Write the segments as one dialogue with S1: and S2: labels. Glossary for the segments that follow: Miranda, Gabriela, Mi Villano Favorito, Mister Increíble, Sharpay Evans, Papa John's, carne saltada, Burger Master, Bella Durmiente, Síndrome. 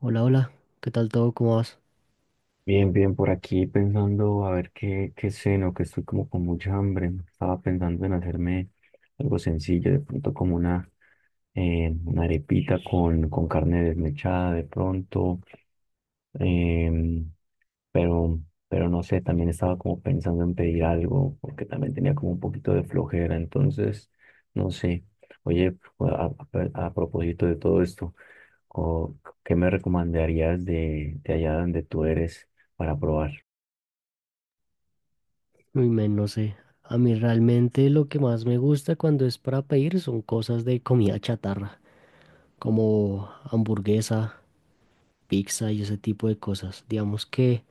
S1: Hola, hola, ¿qué tal todo? ¿Cómo vas?
S2: Bien, bien por aquí pensando a ver qué cena o que estoy como con mucha hambre. Estaba pensando en hacerme algo sencillo, de pronto como una arepita con carne desmechada de pronto. em, pero pero no sé, también estaba como pensando en pedir algo porque también tenía como un poquito de flojera, entonces no sé. Oye, a propósito de todo esto, ¿o qué me recomendarías de allá donde tú eres para probar?
S1: Uy, men, no sé. A mí realmente lo que más me gusta cuando es para pedir son cosas de comida chatarra, como hamburguesa, pizza y ese tipo de cosas. Digamos que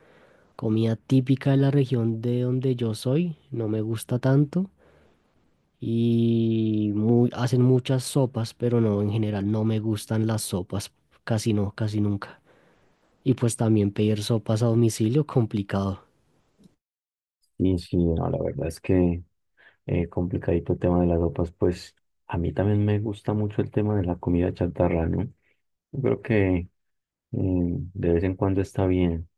S1: comida típica de la región de donde yo soy no me gusta tanto y hacen muchas sopas, pero no, en general no me gustan las sopas, casi no, casi nunca. Y pues también pedir sopas a domicilio, complicado.
S2: Y sí, no, la verdad es que complicadito el tema de las sopas. Pues a mí también me gusta mucho el tema de la comida chatarra, ¿no? Yo creo que de vez en cuando está bien.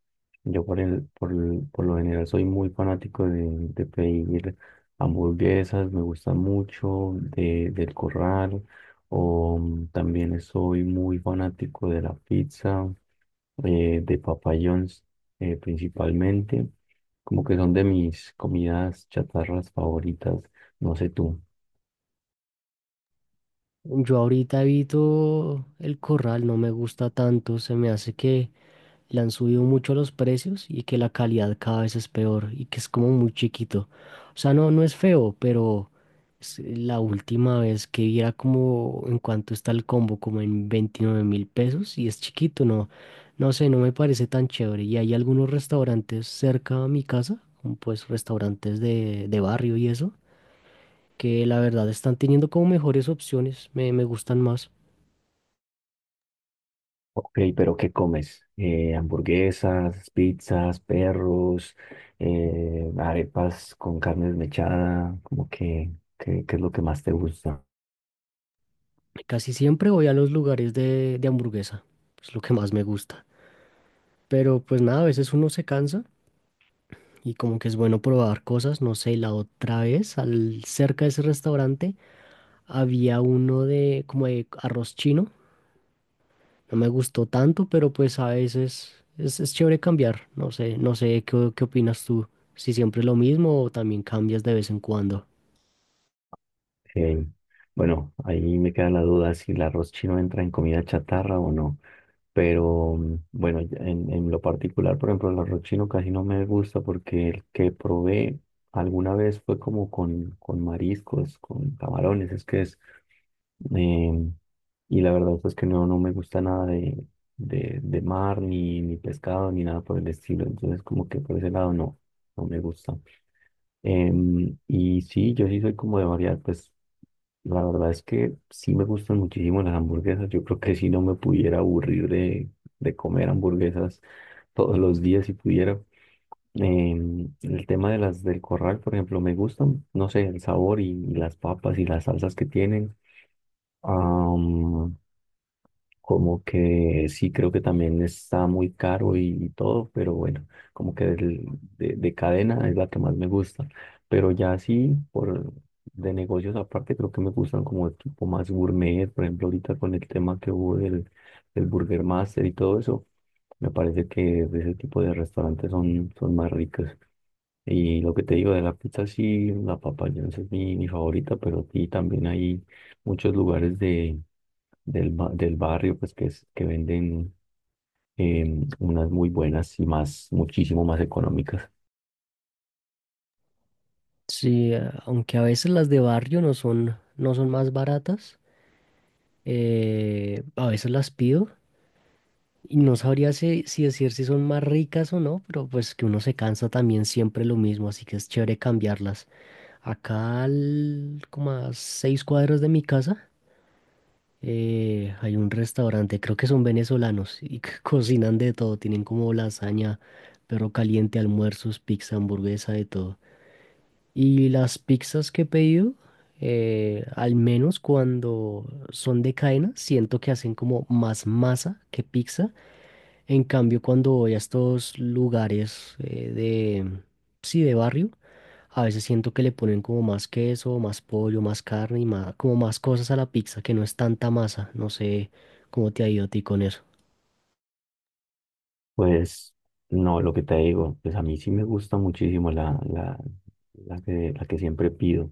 S2: Yo por lo general soy muy fanático de pedir hamburguesas, me gusta mucho del Corral, o mm, también soy muy fanático de la pizza, de Papa John's, principalmente, como que son de mis comidas chatarras favoritas, no sé tú.
S1: Yo ahorita evito el corral, no me gusta tanto, se me hace que le han subido mucho los precios y que la calidad cada vez es peor y que es como muy chiquito. O sea, no, no es feo, pero es la última vez que vi era como en cuanto está el combo, como en 29.000 pesos y es chiquito, no, no sé, no me parece tan chévere. Y hay algunos restaurantes cerca a mi casa, como pues restaurantes de barrio y eso que la verdad están teniendo como mejores opciones, me gustan más.
S2: Ok, pero ¿qué comes? Hamburguesas, pizzas, perros, arepas con carne desmechada, como que, ¿qué es lo que más te gusta?
S1: Casi siempre voy a los lugares de hamburguesa, es lo que más me gusta. Pero pues nada, a veces uno se cansa y como que es bueno probar cosas, no sé, la otra vez, al, cerca de ese restaurante, había uno de como de arroz chino, no me gustó tanto, pero pues a veces es chévere cambiar, no sé, no sé, ¿ qué opinas tú? Si siempre es lo mismo o también cambias de vez en cuando.
S2: Eh, bueno, ahí me queda la duda si el arroz chino entra en comida chatarra o no, pero mm, bueno, ya en lo particular, por ejemplo, el arroz chino casi no me gusta porque el que probé alguna vez fue como con mariscos, con camarones, es que es. Em, y la verdad es que no, no me gusta nada de mar, ni, ni pescado, ni nada por el estilo. Entonces, como que por ese lado no, no me gusta. Y sí, yo sí soy como de variedad. Pues la verdad es que sí me gustan muchísimo las hamburguesas. Yo creo que si no me pudiera aburrir de comer hamburguesas todos los días si pudiera. El tema de las del Corral, por ejemplo, me gustan, no sé, el sabor y las papas y las salsas que tienen. Am, Como que sí creo que también está muy caro y todo, pero bueno, como que de cadena es la que más me gusta. Pero ya sí, por, de negocios aparte, creo que me gustan como de tipo más gourmet. Por ejemplo, ahorita con el tema que hubo del Burger Master y todo eso, me parece que ese tipo de restaurantes son, son más ricos. Y lo que te digo de la pizza, sí, la Papa John's es mi favorita, pero aquí también hay muchos lugares del barrio pues que, que venden unas muy buenas y más, muchísimo más económicas.
S1: Sí, aunque a veces las de barrio no son, no son más baratas, a veces las pido. Y no sabría si decir si son más ricas o no, pero pues que uno se cansa también siempre lo mismo, así que es chévere cambiarlas. Acá, como a seis cuadras de mi casa, hay un restaurante, creo que son venezolanos y que cocinan de todo, tienen como lasaña, perro caliente, almuerzos, pizza, hamburguesa, de todo. Y las pizzas que he pedido, al menos cuando son de cadena, siento que hacen como más masa que pizza, en cambio, cuando voy a estos lugares sí, de barrio, a veces siento que le ponen como más queso, más pollo, más carne y más, como más cosas a la pizza, que no es tanta masa. No sé cómo te ha ido a ti con eso.
S2: Pues no, lo que te digo, pues a mí sí me gusta muchísimo la que siempre pido.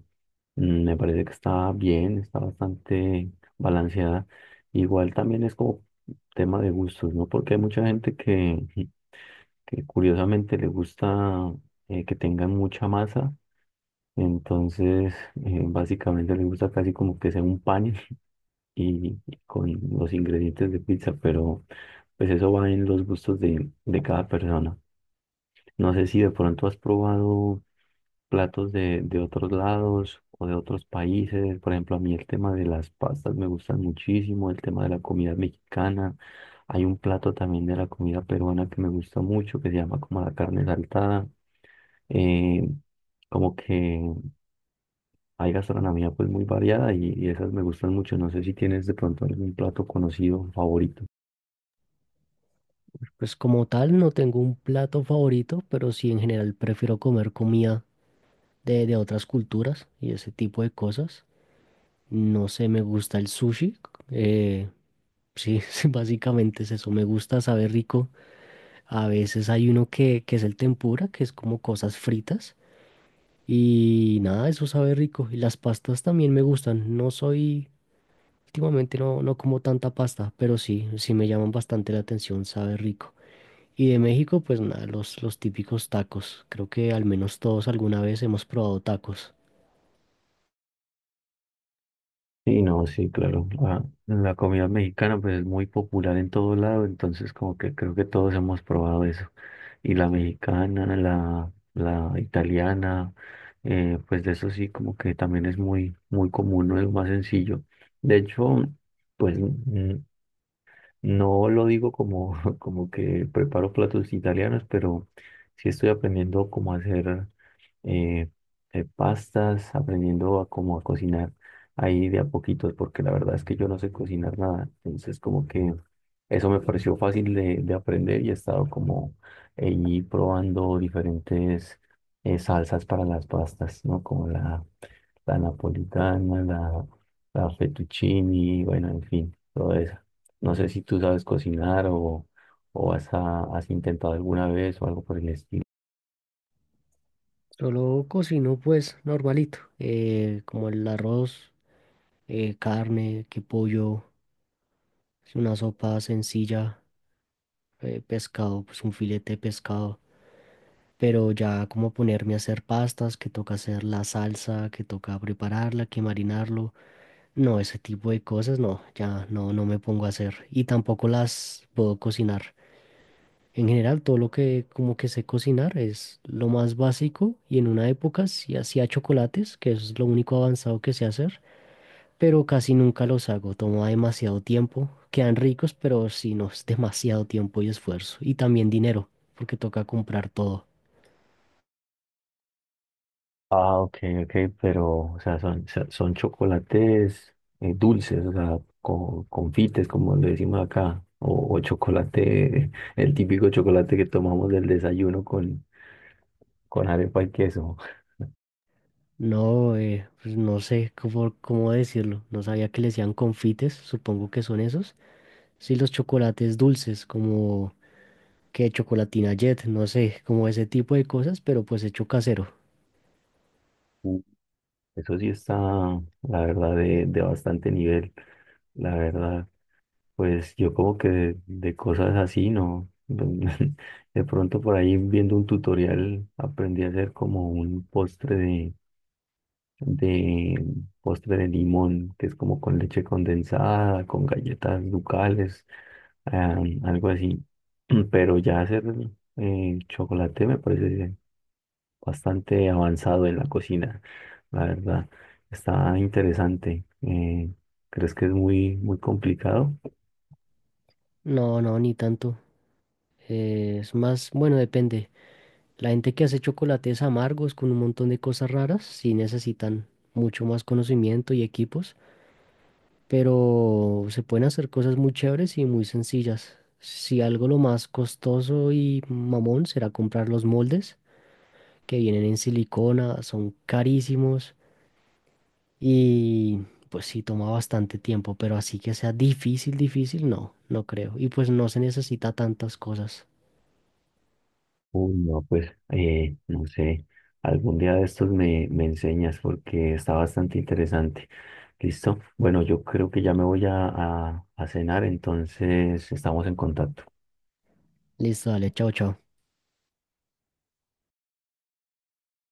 S2: Mm, me parece que está bien, está bastante balanceada. Igual también es como tema de gustos, ¿no? Porque hay mucha gente que curiosamente le gusta que tengan mucha masa, entonces básicamente le gusta casi como que sea un pan y con los ingredientes de pizza, pero pues eso va en los gustos de cada persona. No sé si de pronto has probado platos de otros lados o de otros países. Por ejemplo, a mí el tema de las pastas me gustan muchísimo, el tema de la comida mexicana. Hay un plato también de la comida peruana que me gusta mucho, que se llama como la carne saltada. Eh, Como que hay gastronomía pues muy variada y esas me gustan mucho. No sé si tienes de pronto algún plato conocido favorito.
S1: Pues como tal, no tengo un plato favorito, pero sí en general prefiero comer comida de otras culturas y ese tipo de cosas. No sé, me gusta el sushi. Eh, sí, básicamente es eso. Me gusta, sabe rico. A veces hay uno que es el tempura, que es como cosas fritas. Y nada, eso sabe rico. Y las pastas también me gustan. No soy, últimamente no, no como tanta pasta, pero sí, sí me llaman bastante la atención, sabe rico. Y de México, pues nada, los típicos tacos. Creo que al menos todos alguna vez hemos probado tacos.
S2: Sí, no, sí, claro. La comida mexicana pues es muy popular en todo lado, entonces como que creo que todos hemos probado eso. Y la mexicana, la italiana, pues de eso sí como que también es muy, muy común, no es lo más sencillo. De hecho, pues mm, no lo digo como, como que preparo platos italianos, pero sí estoy aprendiendo cómo hacer eh, pastas, aprendiendo a cómo a cocinar ahí de a poquitos, porque la verdad es que yo no sé cocinar nada. Entonces, como que eso me pareció fácil de aprender y he estado como ahí probando diferentes salsas para las pastas, ¿no? Como la napolitana, la fettuccini, bueno, en fin, todo eso. No sé si tú sabes cocinar o has, ah, has intentado alguna vez o algo por el estilo.
S1: Solo cocino pues normalito, como el arroz, carne, que pollo, una sopa sencilla, pescado, pues un filete de pescado. Pero ya como ponerme a hacer pastas, que toca hacer la salsa, que toca prepararla, que marinarlo, no, ese tipo de cosas no, ya no, no me pongo a hacer y tampoco las puedo cocinar. En general, todo lo que como que sé cocinar es lo más básico y en una época sí hacía chocolates, que eso es lo único avanzado que sé hacer, pero casi nunca los hago, toma demasiado tiempo, quedan ricos, pero sí, no, es demasiado tiempo y esfuerzo y también dinero, porque toca comprar todo.
S2: Ah, ok, ok, pero, o sea, son, son chocolates dulces, o sea, confites, como le decimos acá, o chocolate, el típico chocolate que tomamos del desayuno con arepa y queso.
S1: No, pues no sé cómo, cómo decirlo. No sabía que le decían confites, supongo que son esos. Sí, los chocolates dulces, como que chocolatina Jet, no sé, como ese tipo de cosas, pero pues hecho casero.
S2: Uh, Eso sí está, la verdad, de bastante nivel, la verdad. Pues yo como que de cosas así, ¿no? De pronto por ahí viendo un tutorial aprendí a hacer como un postre de postre de limón, que es como con leche condensada, con galletas ducales, ah, algo así. Pero ya hacer chocolate me parece bastante avanzado en la cocina, la verdad. Está interesante. ¿Crees que es muy, muy complicado?
S1: No, no, ni tanto. Es más, bueno, depende. La gente que hace chocolates amargos con un montón de cosas raras, sí necesitan mucho más conocimiento y equipos. Pero se pueden hacer cosas muy chéveres y muy sencillas. Si algo lo más costoso y mamón será comprar los moldes que vienen en silicona, son carísimos y pues sí toma bastante tiempo, pero así que sea difícil, difícil, no, no creo. Y pues no se necesita tantas cosas.
S2: Uy, no, pues no sé, algún día de estos me enseñas porque está bastante interesante. ¿Listo? Bueno, yo creo que ya me voy a cenar, entonces estamos en contacto.
S1: Listo, dale, chao, chao.